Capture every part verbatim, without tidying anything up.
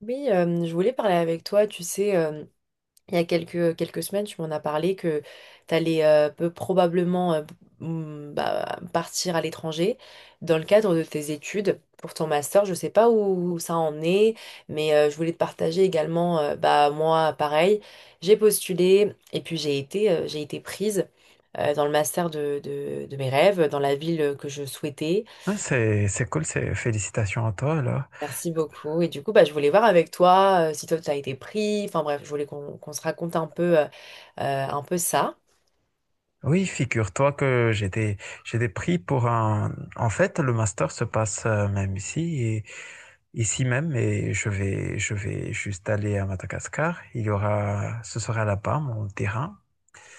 Oui, euh, je voulais parler avec toi. Tu sais, euh, il y a quelques, quelques semaines, tu m'en as parlé que tu allais probablement euh, mm, bah, partir à l'étranger dans le cadre de tes études pour ton master. Je ne sais pas où ça en est, mais euh, je voulais te partager également, euh, bah, moi, pareil, j'ai postulé et puis j'ai été, euh, j'ai été prise euh, dans le master de, de de mes rêves, dans la ville que je souhaitais. Ah, C'est, c'est cool, c'est, félicitations à toi, là. Merci beaucoup. Et du coup, bah, je voulais voir avec toi euh, si toi, tu as été pris. Enfin bref, je voulais qu'on qu'on se raconte un peu, euh, euh, un peu ça. Oui, figure-toi que j'ai des, j'ai des prix pour un, en fait, le master se passe euh, même ici et, ici même, et je vais, je vais juste aller à Madagascar. Il y aura, ce sera là-bas, mon terrain.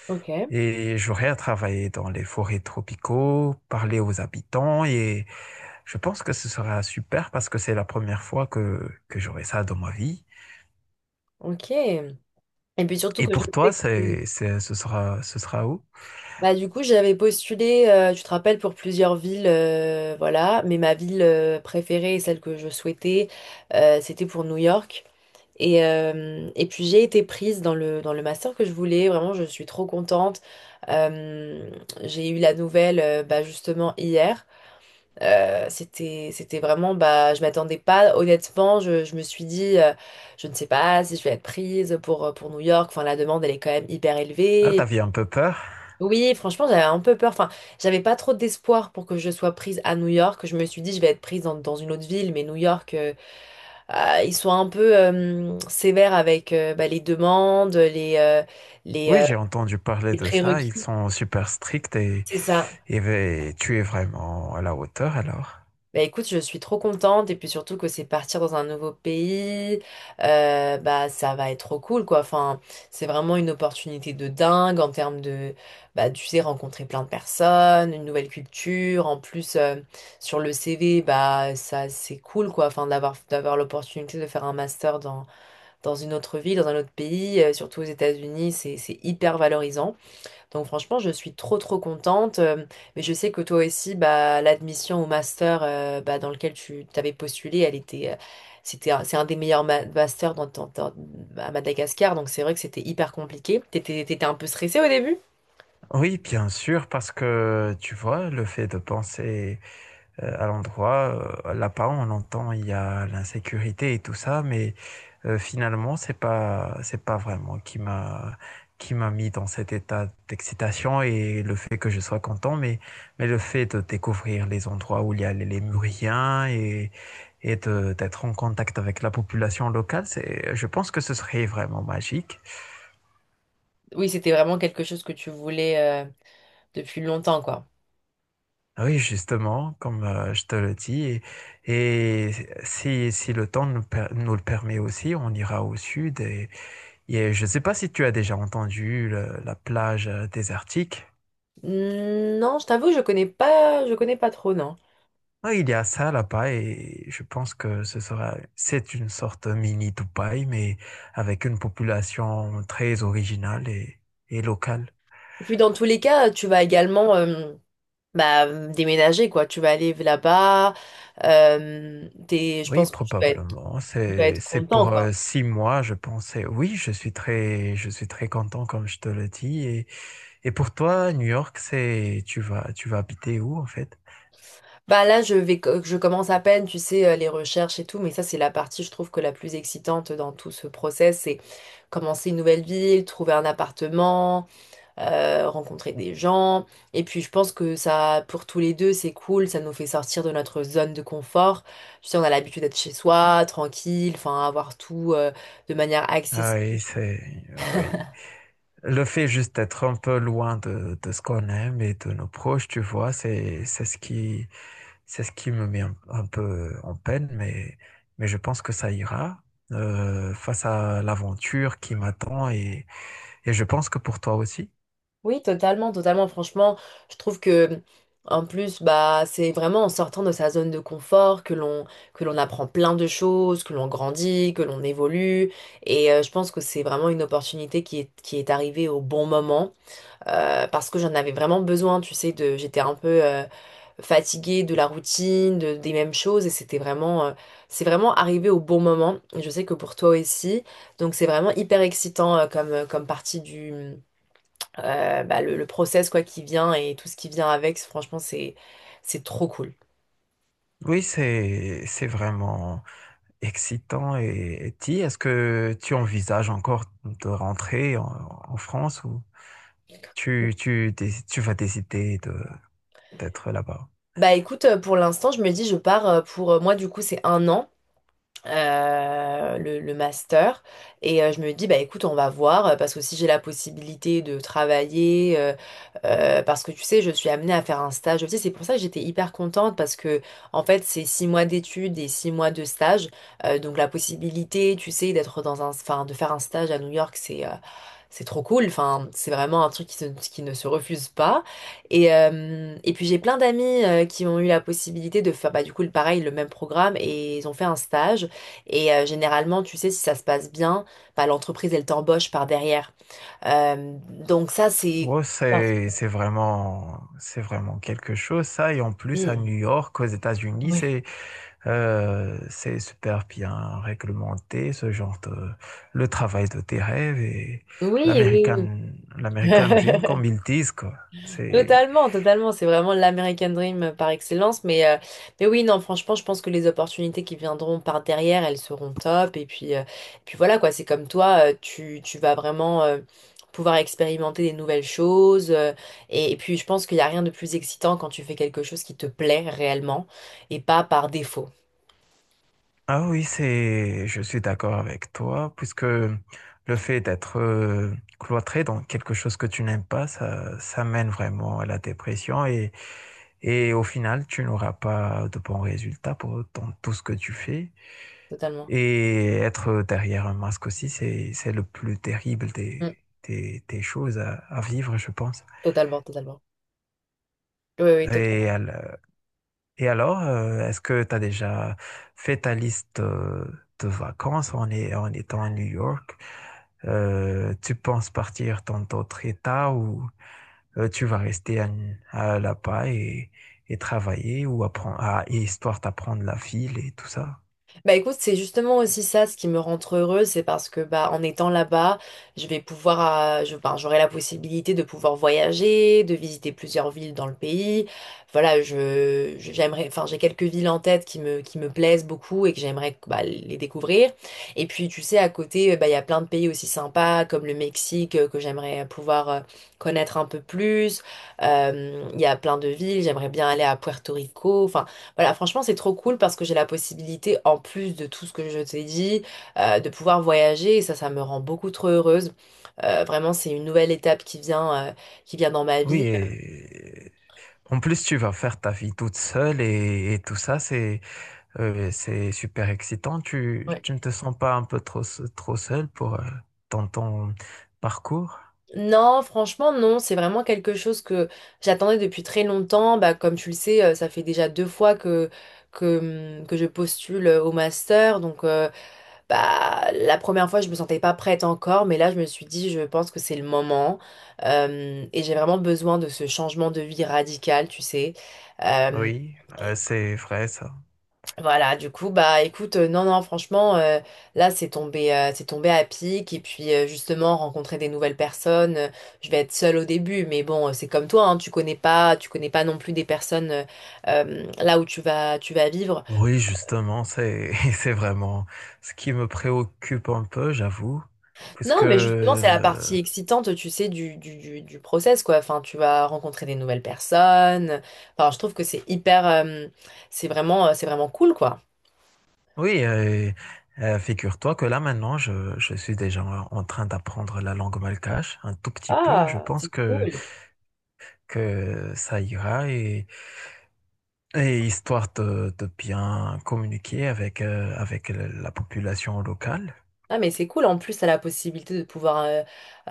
Ok. Et j'aurai à travailler dans les forêts tropicaux, parler aux habitants, et je pense que ce sera super parce que c'est la première fois que, que j'aurai ça dans ma vie. Ok. Et puis surtout Et que je pour toi, sais que... c'est, c'est, ce sera, ce sera où? Bah, du coup, j'avais postulé, euh, tu te rappelles, pour plusieurs villes, euh, voilà. Mais ma ville euh, préférée et celle que je souhaitais, euh, c'était pour New York. Et, euh, et puis j'ai été prise dans le, dans le master que je voulais. Vraiment, je suis trop contente. Euh, j'ai eu la nouvelle, euh, bah, justement, hier. Euh, c'était, c'était vraiment, bah, je m'attendais pas, honnêtement, je, je me suis dit, euh, je ne sais pas si je vais être prise pour, euh, pour New York, enfin, la demande, elle est quand même hyper Ah, élevée. Et puis, t'avais un peu peur? oui, franchement, j'avais un peu peur, enfin, j'avais pas trop d'espoir pour que je sois prise à New York. Je me suis dit, je vais être prise dans, dans une autre ville, mais New York, euh, euh, ils sont un peu euh, sévères avec euh, bah, les demandes, les, euh, les, Oui, euh, j'ai entendu parler les de ça. Ils prérequis. sont super stricts et, C'est ça. et ve- tu es vraiment à la hauteur alors. Bah écoute, je suis trop contente et puis surtout que c'est partir dans un nouveau pays, euh, bah ça va être trop cool quoi. Enfin, c'est vraiment une opportunité de dingue en termes de, bah tu sais, rencontrer plein de personnes, une nouvelle culture. En plus, euh, sur le C V, bah ça c'est cool quoi. Enfin, d'avoir d'avoir l'opportunité de faire un master dans dans une autre ville, dans un autre pays, euh, surtout aux États-Unis, c'est c'est hyper valorisant. Donc franchement, je suis trop trop contente. Euh, mais je sais que toi aussi, bah, l'admission au master euh, bah, dans lequel tu t'avais postulé, elle était, euh, c'était, un- c'est un des meilleurs ma- masters dans, ton- dans- à Madagascar. Donc c'est vrai que c'était hyper compliqué. T'étais, t'étais un peu stressée au début? Oui, bien sûr, parce que tu vois, le fait de penser euh, à l'endroit. Euh, là-bas, on entend il y a l'insécurité et tout ça, mais euh, finalement, c'est pas c'est pas vraiment qui m'a qui m'a mis dans cet état d'excitation et le fait que je sois content, mais mais le fait de découvrir les endroits où il y a les lémuriens et et de- d'être en contact avec la population locale, c'est je pense que ce serait vraiment magique. Oui, c'était vraiment quelque chose que tu voulais euh, depuis longtemps, quoi. Oui, justement, comme euh, je te le dis, et, et si, si le temps nous, per- nous le permet aussi, on ira au sud. Et, et je ne sais pas si tu as déjà entendu le- la plage euh, désertique. Hmm, non, je t'avoue, je connais pas, je connais pas trop, non. Oui, il y a ça là-bas et je pense que ce sera, c'est une sorte mini Dubaï, mais avec une population très originale et, et locale. Et puis dans tous les cas, tu vas également euh, bah, déménager, quoi. Tu vas aller là-bas. Euh, t'es- je Oui, pense que tu dois être. probablement. Tu dois C'est, être c'est pour content, quoi. euh, six mois, je pense. Et oui, je suis très, je suis très content, comme je te le dis. Et pour toi, New York, c'est tu vas tu vas habiter où en fait? Bah là, je vais, co- Je commence à peine, tu sais, euh, les recherches et tout, mais ça, c'est la partie, je trouve, que la plus excitante dans tout ce process, c'est commencer une nouvelle ville, trouver un appartement, euh, rencontrer des gens. Et puis, je pense que ça, pour tous les deux, c'est cool, ça nous fait sortir de notre zone de confort. Tu sais, on a l'habitude d'être chez soi, tranquille, enfin, avoir tout, euh, de manière Ah accessible. oui, c'est ah oui. Le fait juste d'être un peu loin de, de ce qu'on aime et de nos proches, tu vois, c'est c'est ce qui c'est ce qui me met un, un peu en peine, mais mais je pense que ça ira euh, face à l'aventure qui m'attend, et et je pense que pour toi aussi. Oui, totalement, totalement. Franchement, je trouve que, en plus, bah, c'est vraiment en sortant de sa zone de confort que l'on que l'on apprend plein de choses, que l'on grandit, que l'on évolue. Et euh, je pense que c'est vraiment une opportunité qui est, qui est arrivée au bon moment, euh, parce que j'en avais vraiment besoin. Tu sais, de, j'étais un peu euh, fatiguée de la routine, de- des mêmes choses, et c'était vraiment, euh, c'est vraiment arrivé au bon moment. Et je sais que pour toi aussi. Donc, c'est vraiment hyper excitant euh, comme euh, comme partie euh, bah, le, le process quoi qui vient et tout ce qui vient avec, c'est- franchement, c'est c'est trop cool. Oui, c'est c'est vraiment excitant, et, et ti, est-ce que tu envisages encore de rentrer en, en France, ou tu, tu, déc- tu vas décider de, d'être là-bas. Bah écoute, euh, pour l'instant, je me dis, je pars euh, pour euh, moi, du coup, c'est un an. Euh, le, le master. Et euh, je me dis, bah écoute, on va voir, euh, parce que si j'ai la possibilité de travailler, euh, euh, parce que tu sais, je suis amenée à faire un stage aussi. C'est pour ça que j'étais hyper contente, parce que en fait, c'est six mois d'études et six mois de stage. Euh, donc la possibilité, tu sais, d'être dans un, enfin, de faire un stage à New York, c'est euh, c'est trop cool, enfin, c'est vraiment un truc qui, se- qui ne se refuse pas. Et, euh, et puis j'ai plein d'amis euh, qui ont eu la possibilité de faire bah, du coup le pareil, le même programme, et ils ont fait un stage. Et euh, généralement, tu sais, si ça se passe bien, bah, l'entreprise, elle t'embauche par derrière. Euh, donc ça, c'est... Ouais, c'est, c'est vraiment, c'est vraiment quelque chose, ça. Et en plus, à Oui, New York, aux États-Unis, oui, c'est, euh, c'est super bien réglementé, ce genre de, le travail de tes rêves et oui. Oui. l'American, l'American Dream, comme ils disent, quoi. C'est, Totalement, totalement. C'est vraiment l'American Dream par excellence. Mais, euh, mais oui, non, franchement, je pense que les opportunités qui viendront par derrière, elles seront top. Et puis, euh, et puis voilà, quoi. C'est comme toi, euh, tu, tu vas vraiment euh, pouvoir expérimenter des nouvelles choses. Euh, et, et puis, je pense qu'il n'y a rien de plus excitant quand tu fais quelque chose qui te plaît réellement et pas par défaut. ah oui, c'est, je suis d'accord avec toi, puisque le fait d'être euh, cloîtré dans quelque chose que tu n'aimes pas, ça, ça mène vraiment à la dépression et, et au final, tu n'auras pas de bons résultats pour, dans tout ce que tu fais. Totalement. Et être derrière un masque aussi, c'est, c'est le plus terrible des, Mm. des, des choses à, à vivre, je pense. Totalement, totalement. Oui, oui, totalement. Et à la- et alors, euh, est-ce que tu as déjà fait ta liste euh, de vacances en, est- en étant à New York? Euh, tu penses partir dans d'autres états, ou euh, tu vas rester à, à là-bas, et, et travailler ou apprendre, à, et histoire d'apprendre la ville et tout ça? Bah écoute, c'est justement aussi ça ce qui me rend trop heureuse, c'est parce que bah en étant là-bas, je vais pouvoir, euh, je, ben, j'aurai la possibilité de pouvoir voyager, de visiter plusieurs villes dans le pays. Voilà, je, je- j'aimerais, enfin j'ai quelques villes en tête qui me, qui me plaisent beaucoup et que j'aimerais bah, les découvrir. Et puis tu sais, à côté, bah il y a plein de pays aussi sympas comme le Mexique euh, que j'aimerais pouvoir euh, connaître un peu plus. Euh, Il y a plein de villes, j'aimerais bien aller à Puerto Rico. Enfin. Voilà, franchement, c'est trop cool parce que j'ai la possibilité, en plus de tout ce que je t'ai dit, euh, de pouvoir voyager et ça, ça me rend beaucoup trop heureuse. Euh, vraiment, c'est une nouvelle étape qui vient, euh, qui vient dans ma Oui, vie. et en plus tu vas faire ta vie toute seule, et, et tout ça, c'est Euh, c'est super excitant. Tu, Ouais. tu ne te sens pas un peu trop, s- trop seul pour, euh, dans ton parcours? Non, franchement, non, c'est vraiment quelque chose que j'attendais depuis très longtemps. Bah, comme tu le sais, euh, ça fait déjà deux fois que, que, hum, que je postule euh, au master. Donc, euh, bah, la première fois, je me sentais pas prête encore, mais là, je me suis dit, je pense que c'est le moment. Euh, et j'ai vraiment besoin de ce changement de vie radical, tu sais. Euh, Oui, euh, et c'est vrai ça. voilà, du coup, bah, écoute, euh, non, non, franchement, euh, là, c'est tombé, euh, c'est tombé à pic. Et puis, euh, justement, rencontrer des nouvelles personnes. Euh, je vais être seule au début, mais bon, euh, c'est comme toi, hein, tu connais pas, tu connais pas non plus des personnes euh, euh, là où tu vas, tu vas vivre. Oui, justement, c'est, c'est vraiment ce qui me préoccupe un peu, j'avoue, puisque, Non, mais justement, c'est la euh, partie excitante, tu sais, du, du, du, du process, quoi. Enfin, tu vas rencontrer des nouvelles personnes. Enfin, je trouve que c'est hyper... euh, c'est vraiment, euh, c'est vraiment cool, quoi. oui, euh, euh, figure-toi que là maintenant, je, je suis déjà en en train d'apprendre la langue malgache, un tout petit peu. Je Ah, pense c'est que, cool. que ça ira. Et histoire de, de bien communiquer avec, euh, avec le- la population locale. Ah, mais c'est cool. En plus, t'as la possibilité de pouvoir euh,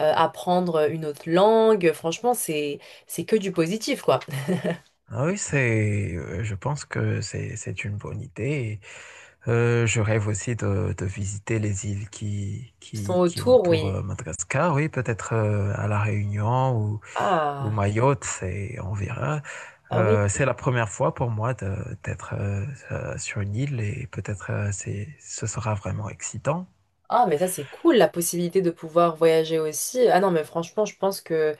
euh, apprendre une autre langue. Franchement, c'est, c'est que du positif, quoi. Ah oui, c'est, euh, je pense que c'est, c'est une bonne idée. Euh, je rêve aussi de, de visiter les îles qui, Ils sont qui, qui autour, entourent oui. euh, Madagascar. Oui, peut-être euh, à La Réunion, ou, ou Ah, Mayotte, c'est, on verra. ah oui. Euh, c'est la première fois pour moi de- d'être euh, euh, sur une île et peut-être euh, c'est, ce sera vraiment excitant. Ah, mais ça, c'est cool, la possibilité de pouvoir voyager aussi. Ah non, mais franchement, je pense que...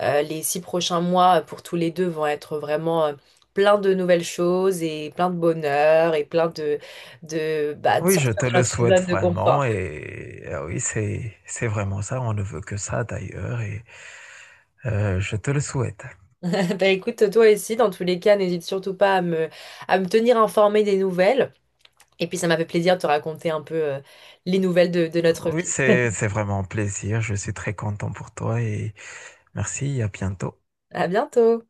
Euh, les six prochains mois euh, pour tous les deux vont être vraiment euh, plein de nouvelles choses et plein de bonheur et plein de, de, bah, de Oui, je sortir te de le notre souhaite zone de vraiment, confort. et ah oui, c'est c'est vraiment ça. On ne veut que ça d'ailleurs et euh, je te le souhaite. Bah écoute, toi aussi, dans tous les cas, n'hésite surtout pas à me, à me tenir informée des nouvelles. Et puis ça m'a fait plaisir de te raconter un peu euh, les nouvelles de, de notre Oui, vie. c'est c'est vraiment un plaisir. Je suis très content pour toi et merci. À bientôt. À bientôt!